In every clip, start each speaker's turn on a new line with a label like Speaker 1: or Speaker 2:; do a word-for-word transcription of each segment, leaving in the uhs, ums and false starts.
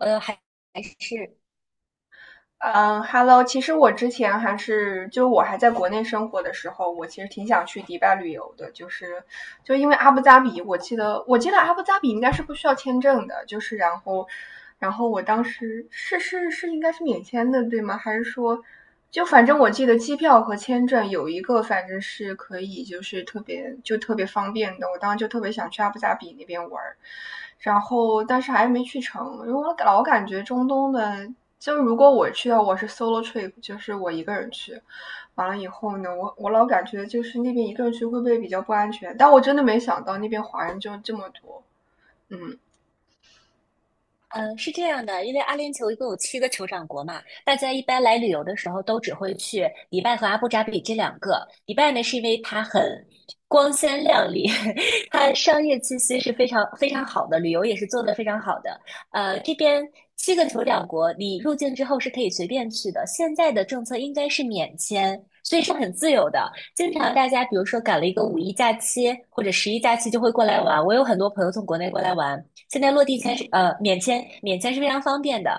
Speaker 1: 呃，还还是，
Speaker 2: 嗯，Hello，其实我之前还是，就我还在国内生活的时候，我其实挺想去迪拜旅游的，就是就因为阿布扎比，我记得我记得阿布扎比应该是不需要签证的，就是然后然后我当时是是是应该是免签的，对吗？还是说就反正我记得机票和签证有一个反正是可以，就是特别就特别方便的，我当时就特别想去阿布扎比那边玩儿。然后但是还没去成，因为我老感觉中东的就如果我去的我是 solo trip，就是我一个人去，完了以后呢，我我老感觉就是那边一个人去会不会比较不安全？但我真的没想到那边华人就这么多，嗯。
Speaker 1: 嗯，是这样的，因为阿联酋一共有七个酋长国嘛，大家一般来旅游的时候都只会去迪拜和阿布扎比这两个。迪拜呢，是因为它很光鲜亮丽，它商业气息是非常非常好的，旅游也是做得非常好的。呃，这边七个酋长国，你入境之后是可以随便去的，现在的政策应该是免签。所以是很自由的，经常大家比如说赶了一个五一假期或者十一假期就会过来玩。我有很多朋友从国内过来玩，现在落地签是呃免签，免签是非常方便的。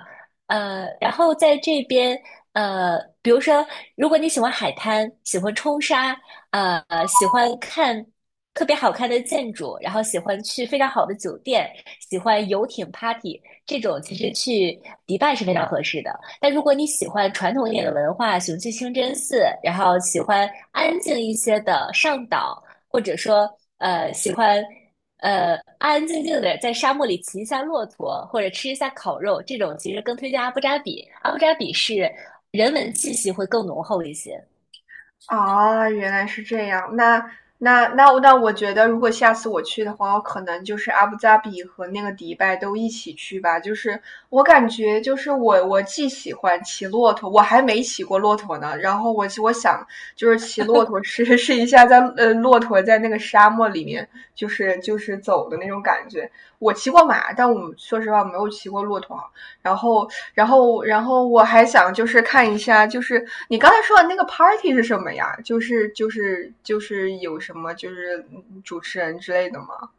Speaker 1: 呃，然后在这边，呃，比如说，如果你喜欢海滩，喜欢冲沙，呃，喜欢看特别好看的建筑，然后喜欢去非常好的酒店，喜欢游艇 party 这种，其实去迪拜是非常合适的。但如果你喜欢传统一点的文化，喜欢去清真寺，然后喜欢安静一些的上岛，或者说呃喜欢呃，安安静静的在沙漠里骑一下骆驼，或者吃一下烤肉，这种其实更推荐阿布扎比。阿布扎比是人文气息会更浓厚一些。
Speaker 2: 啊，原来是这样。那那那那，我觉得如果下次我去的话，我可能就是阿布扎比和那个迪拜都一起去吧。就是我感觉，就是我我既喜欢骑骆驼，我还没骑过骆驼呢。然后我我想就是骑骆驼试 试一下在呃骆驼在那个沙漠里面就是就是走的那种感觉。我骑过马，但我说实话我没有骑过骆驼，然后，然后，然后我还想就是看一下，就是你刚才说的那个 party 是什么呀？就是就是就是有什么就是主持人之类的吗？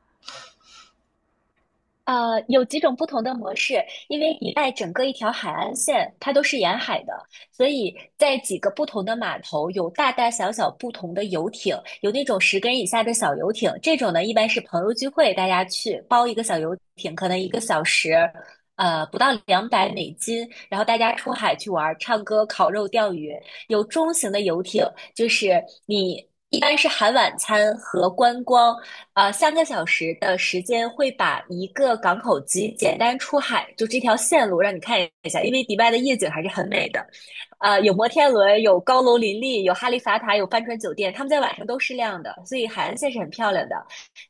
Speaker 1: 呃，有几种不同的模式，因为一带整个一条海岸线，它都是沿海的，所以在几个不同的码头有大大小小不同的游艇，有那种十根以下的小游艇，这种呢一般是朋友聚会，大家去包一个小游艇，可能一个小时，呃，不到两百美金，然后大家出海去玩儿，唱歌、烤肉、钓鱼。有中型的游艇，就是你一般是含晚餐和观光。呃，三个小时的时间会把一个港口级简单出海，就这条线路让你看一下，因为迪拜的夜景还是很美的。呃，有摩天轮，有高楼林立，有哈利法塔，有帆船酒店，他们在晚上都是亮的，所以海岸线是很漂亮的。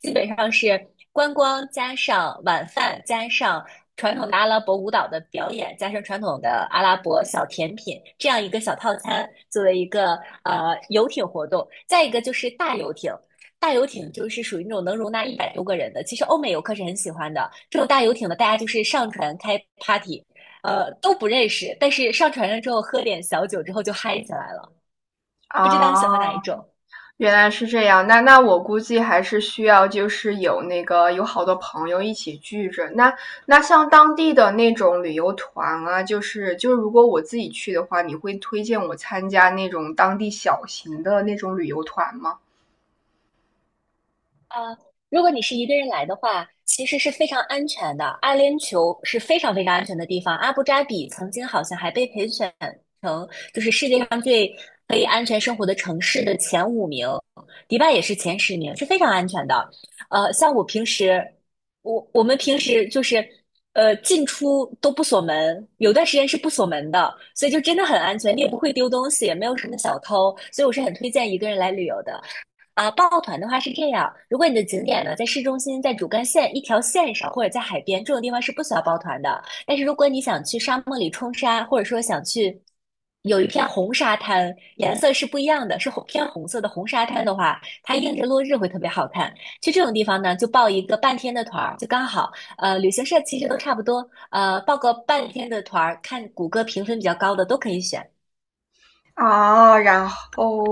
Speaker 1: 基本上是观光加上晚饭加上。传统的阿拉伯舞蹈的表演，加上传统的阿拉伯小甜品，这样一个小套餐作为一个呃游艇活动。再一个就是大游艇，大游艇就是属于那种能容纳一百多个人的，其实欧美游客是很喜欢的。这种大游艇呢，大家就是上船开 party,呃，都不认识，但是上船了之后喝点小酒之后就嗨起来了。不知道你喜欢哪一
Speaker 2: 啊，
Speaker 1: 种？
Speaker 2: 原来是这样。那那我估计还是需要就是有那个有好多朋友一起聚着。那那像当地的那种旅游团啊，就是就是如果我自己去的话，你会推荐我参加那种当地小型的那种旅游团吗？
Speaker 1: 呃，如果你是一个人来的话，其实是非常安全的。阿联酋是非常非常安全的地方。阿布扎比曾经好像还被评选成就是世界上最可以安全生活的城市的前五名，迪拜也是前十名，是非常安全的。呃，像我平时，我我们平时就是呃进出都不锁门，有段时间是不锁门的，所以就真的很安全，你也不会丢东西，也没有什么小偷，所以我是很推荐一个人来旅游的。啊，抱团的话是这样，如果你的景点呢在市中心，在主干线一条线上，或者在海边这种地方是不需要抱团的。但是如果你想去沙漠里冲沙，或者说想去有一片红沙滩，颜色是不一样的，是红偏红色的红沙滩的话，它映着落日会特别好看。去这种地方呢，就报一个半天的团儿，就刚好。呃，旅行社其实都差不多，呃，报个半天的团儿，看谷歌评分比较高的都可以选。
Speaker 2: 啊，然后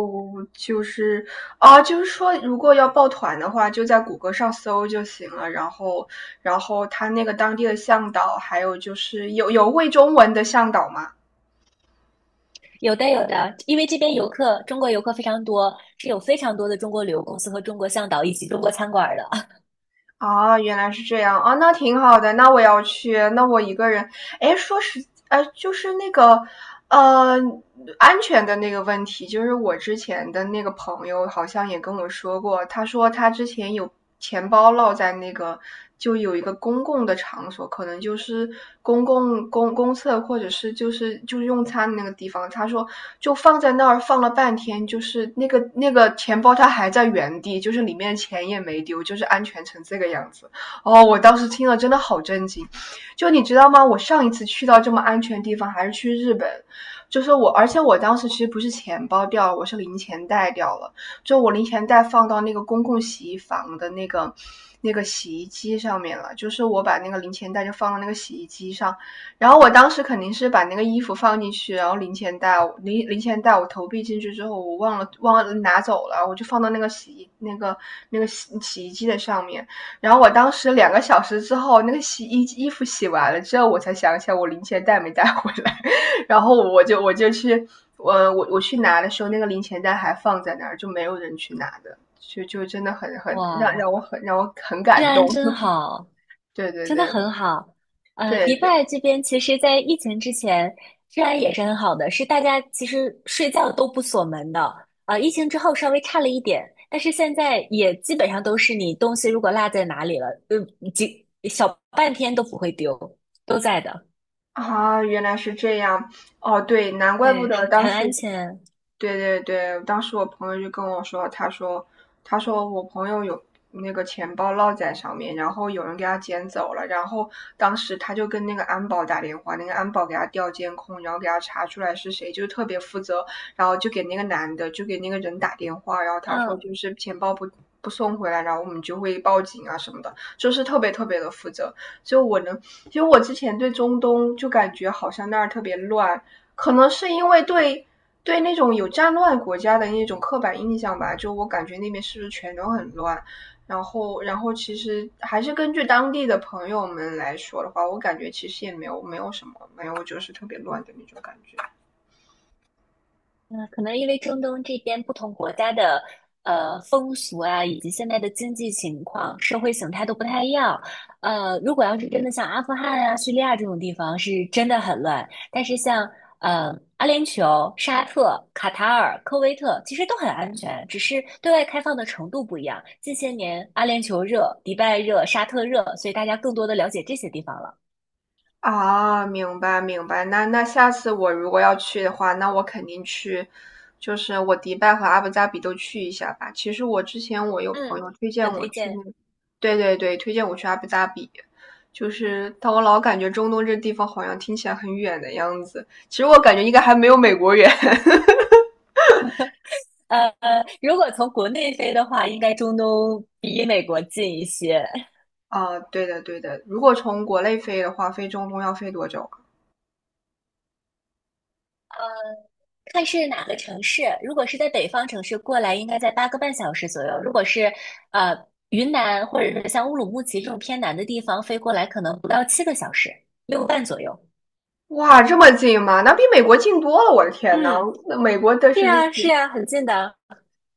Speaker 2: 就是啊，就是说，如果要报团的话，就在谷歌上搜就行了。然后，然后他那个当地的向导，还有就是有有会中文的向导吗？
Speaker 1: 有的有的，因为这边游客，中国游客非常多，是有非常多的中国旅游公司和中国向导以及中国餐馆的。
Speaker 2: 啊，原来是这样啊，那挺好的。那我要去，那我一个人，哎，说实，呃，就是那个，呃，安全的那个问题，就是我之前的那个朋友好像也跟我说过，他说他之前有钱包落在那个，就有一个公共的场所，可能就是公共公公厕或者是就是就是用餐的那个地方，他说就放在那儿放了半天，就是那个那个钱包它还在原地，就是里面钱也没丢，就是安全成这个样子。哦，我当时听了真的好震惊。就你知道吗？我上一次去到这么安全的地方还是去日本，就是我，而且我当时其实不是钱包掉了，我是零钱袋掉了。就我零钱袋放到那个公共洗衣房的那个那个洗衣机上面了，就是我把那个零钱袋就放到那个洗衣机上，然后我当时肯定是把那个衣服放进去，然后零钱袋零零钱袋我投币进去之后，我忘了忘了拿走了，我就放到那个洗衣那个那个洗洗衣机的上面。然后我当时两个小时之后，那个洗衣衣服洗完了之后，我才想起来我零钱袋没带回来，然后我就我就去，我我我去拿的时候，那个零钱袋还放在那儿，就没有人去拿的，就就真的很很让让我
Speaker 1: 哇
Speaker 2: 很让我很
Speaker 1: 治
Speaker 2: 感动。
Speaker 1: 安真 好，
Speaker 2: 对对
Speaker 1: 真的
Speaker 2: 对
Speaker 1: 很好。呃，
Speaker 2: 对
Speaker 1: 迪
Speaker 2: 对
Speaker 1: 拜这边其实，在疫情之前，治安也是很好的，是大家其实睡觉都不锁门的。呃，疫情之后稍微差了一点，但是现在也基本上都是你东西如果落在哪里了，呃，几小半天都不会丢，都在的。
Speaker 2: 啊，原来是这样。哦，对，难怪不
Speaker 1: 对，
Speaker 2: 得
Speaker 1: 很
Speaker 2: 当
Speaker 1: 很
Speaker 2: 时
Speaker 1: 安全。
Speaker 2: 对对对，当时我朋友就跟我说，他说，他说我朋友有那个钱包落在上面，然后有人给他捡走了，然后当时他就跟那个安保打电话，那个安保给他调监控，然后给他查出来是谁，就是特别负责，然后就给那个男的，就给那个人打电话，然后他说
Speaker 1: 嗯，
Speaker 2: 就是钱包不不送回来，然后我们就会报警啊什么的，就是特别特别的负责。就我能，其实我之前对中东就感觉好像那儿特别乱，可能是因为对对那种有战乱国家的那种刻板印象吧，就我感觉那边是不是全都很乱？然后，然后其实还是根据当地的朋友们来说的话，我感觉其实也没有没有什么，没有就是特别乱的那种感觉。
Speaker 1: 嗯，可能因为中东这边不同国家的呃风俗啊，以及现在的经济情况、社会形态都不太一样。呃，如果要是真的像阿富汗啊、叙利亚这种地方，是真的很乱。但是像呃阿联酋、沙特、卡塔尔、科威特，其实都很安全，只是对外开放的程度不一样。近些年阿联酋热、迪拜热、沙特热，所以大家更多的了解这些地方了。
Speaker 2: 啊，明白明白。那那下次我如果要去的话，那我肯定去，就是我迪拜和阿布扎比都去一下吧。其实我之前我有朋
Speaker 1: 嗯，
Speaker 2: 友推荐
Speaker 1: 很
Speaker 2: 我
Speaker 1: 推
Speaker 2: 去
Speaker 1: 荐。
Speaker 2: 那，对对对，推荐我去阿布扎比，就是但我老感觉中东这地方好像听起来很远的样子，其实我感觉应该还没有美国远。
Speaker 1: 呃，如果从国内飞的话，应该中东比美国近一些。
Speaker 2: 啊，对的对的，如果从国内飞的话，飞中东要飞多久啊？
Speaker 1: 看是哪个城市，如果是在北方城市过来，应该在八个半小时左右；如果是呃云南或者是像乌鲁木齐这种偏南的地方飞过来，可能不到七个小时，六个半左右。
Speaker 2: 哇，这么近吗？那比美国近多了，我的天呐，
Speaker 1: 嗯，
Speaker 2: 那美国的
Speaker 1: 是
Speaker 2: 是
Speaker 1: 呀，是呀，很近的。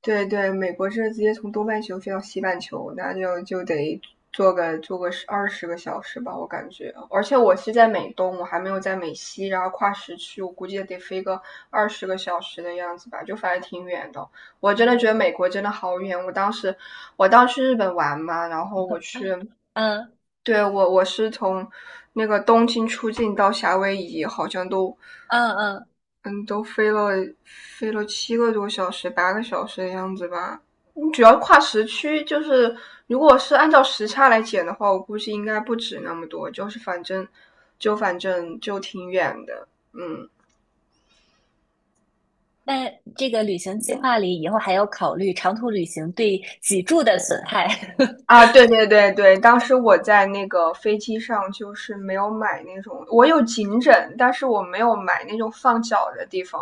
Speaker 2: 对对，美国这直接从东半球飞到西半球，那就就得坐个坐个十二十个小时吧，我感觉。而且我是在美东，我还没有在美西，然后跨时区，我估计也得飞个二十个小时的样子吧，就反正挺远的。我真的觉
Speaker 1: 嗯
Speaker 2: 得美国真的好远。我当时我当时去日本玩嘛，然后我去，
Speaker 1: 嗯
Speaker 2: 对，我我是从那个东京出境到夏威夷，好像都
Speaker 1: 嗯嗯，
Speaker 2: 嗯，都飞了飞了七个多小时、八个小时的样子吧。你主要跨时区，就是如果是按照时差来减的话，我估计应该不止那么多。就是反正就反正就挺远的，嗯。
Speaker 1: 那这个旅行计划里以后还要考虑长途旅行对脊柱的损害。
Speaker 2: 啊，对对对对，当时我在那个飞机上就是没有买那种，我有颈枕，但是我没有买那种放脚的地方，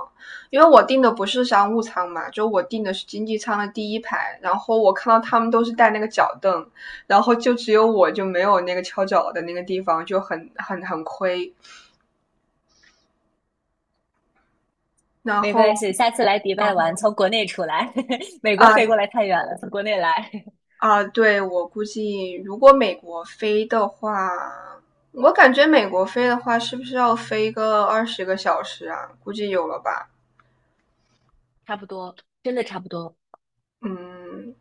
Speaker 2: 因为我订的不是商务舱嘛，就我订的是经济舱的第一排，然后我看到他们都是带那个脚凳，然后就只有我就没有那个翘脚的那个地方，就很很很亏。然
Speaker 1: 没关
Speaker 2: 后，
Speaker 1: 系，下次来迪
Speaker 2: 嗯
Speaker 1: 拜玩，从国内出来，美国
Speaker 2: 啊，
Speaker 1: 飞过来太远了，从国内来。
Speaker 2: 啊，对，我估计如果美国飞的话，我感觉美国飞的话，是不是要飞个二十个小时啊？估计有了吧。
Speaker 1: 差不多，真的差不多。
Speaker 2: 嗯。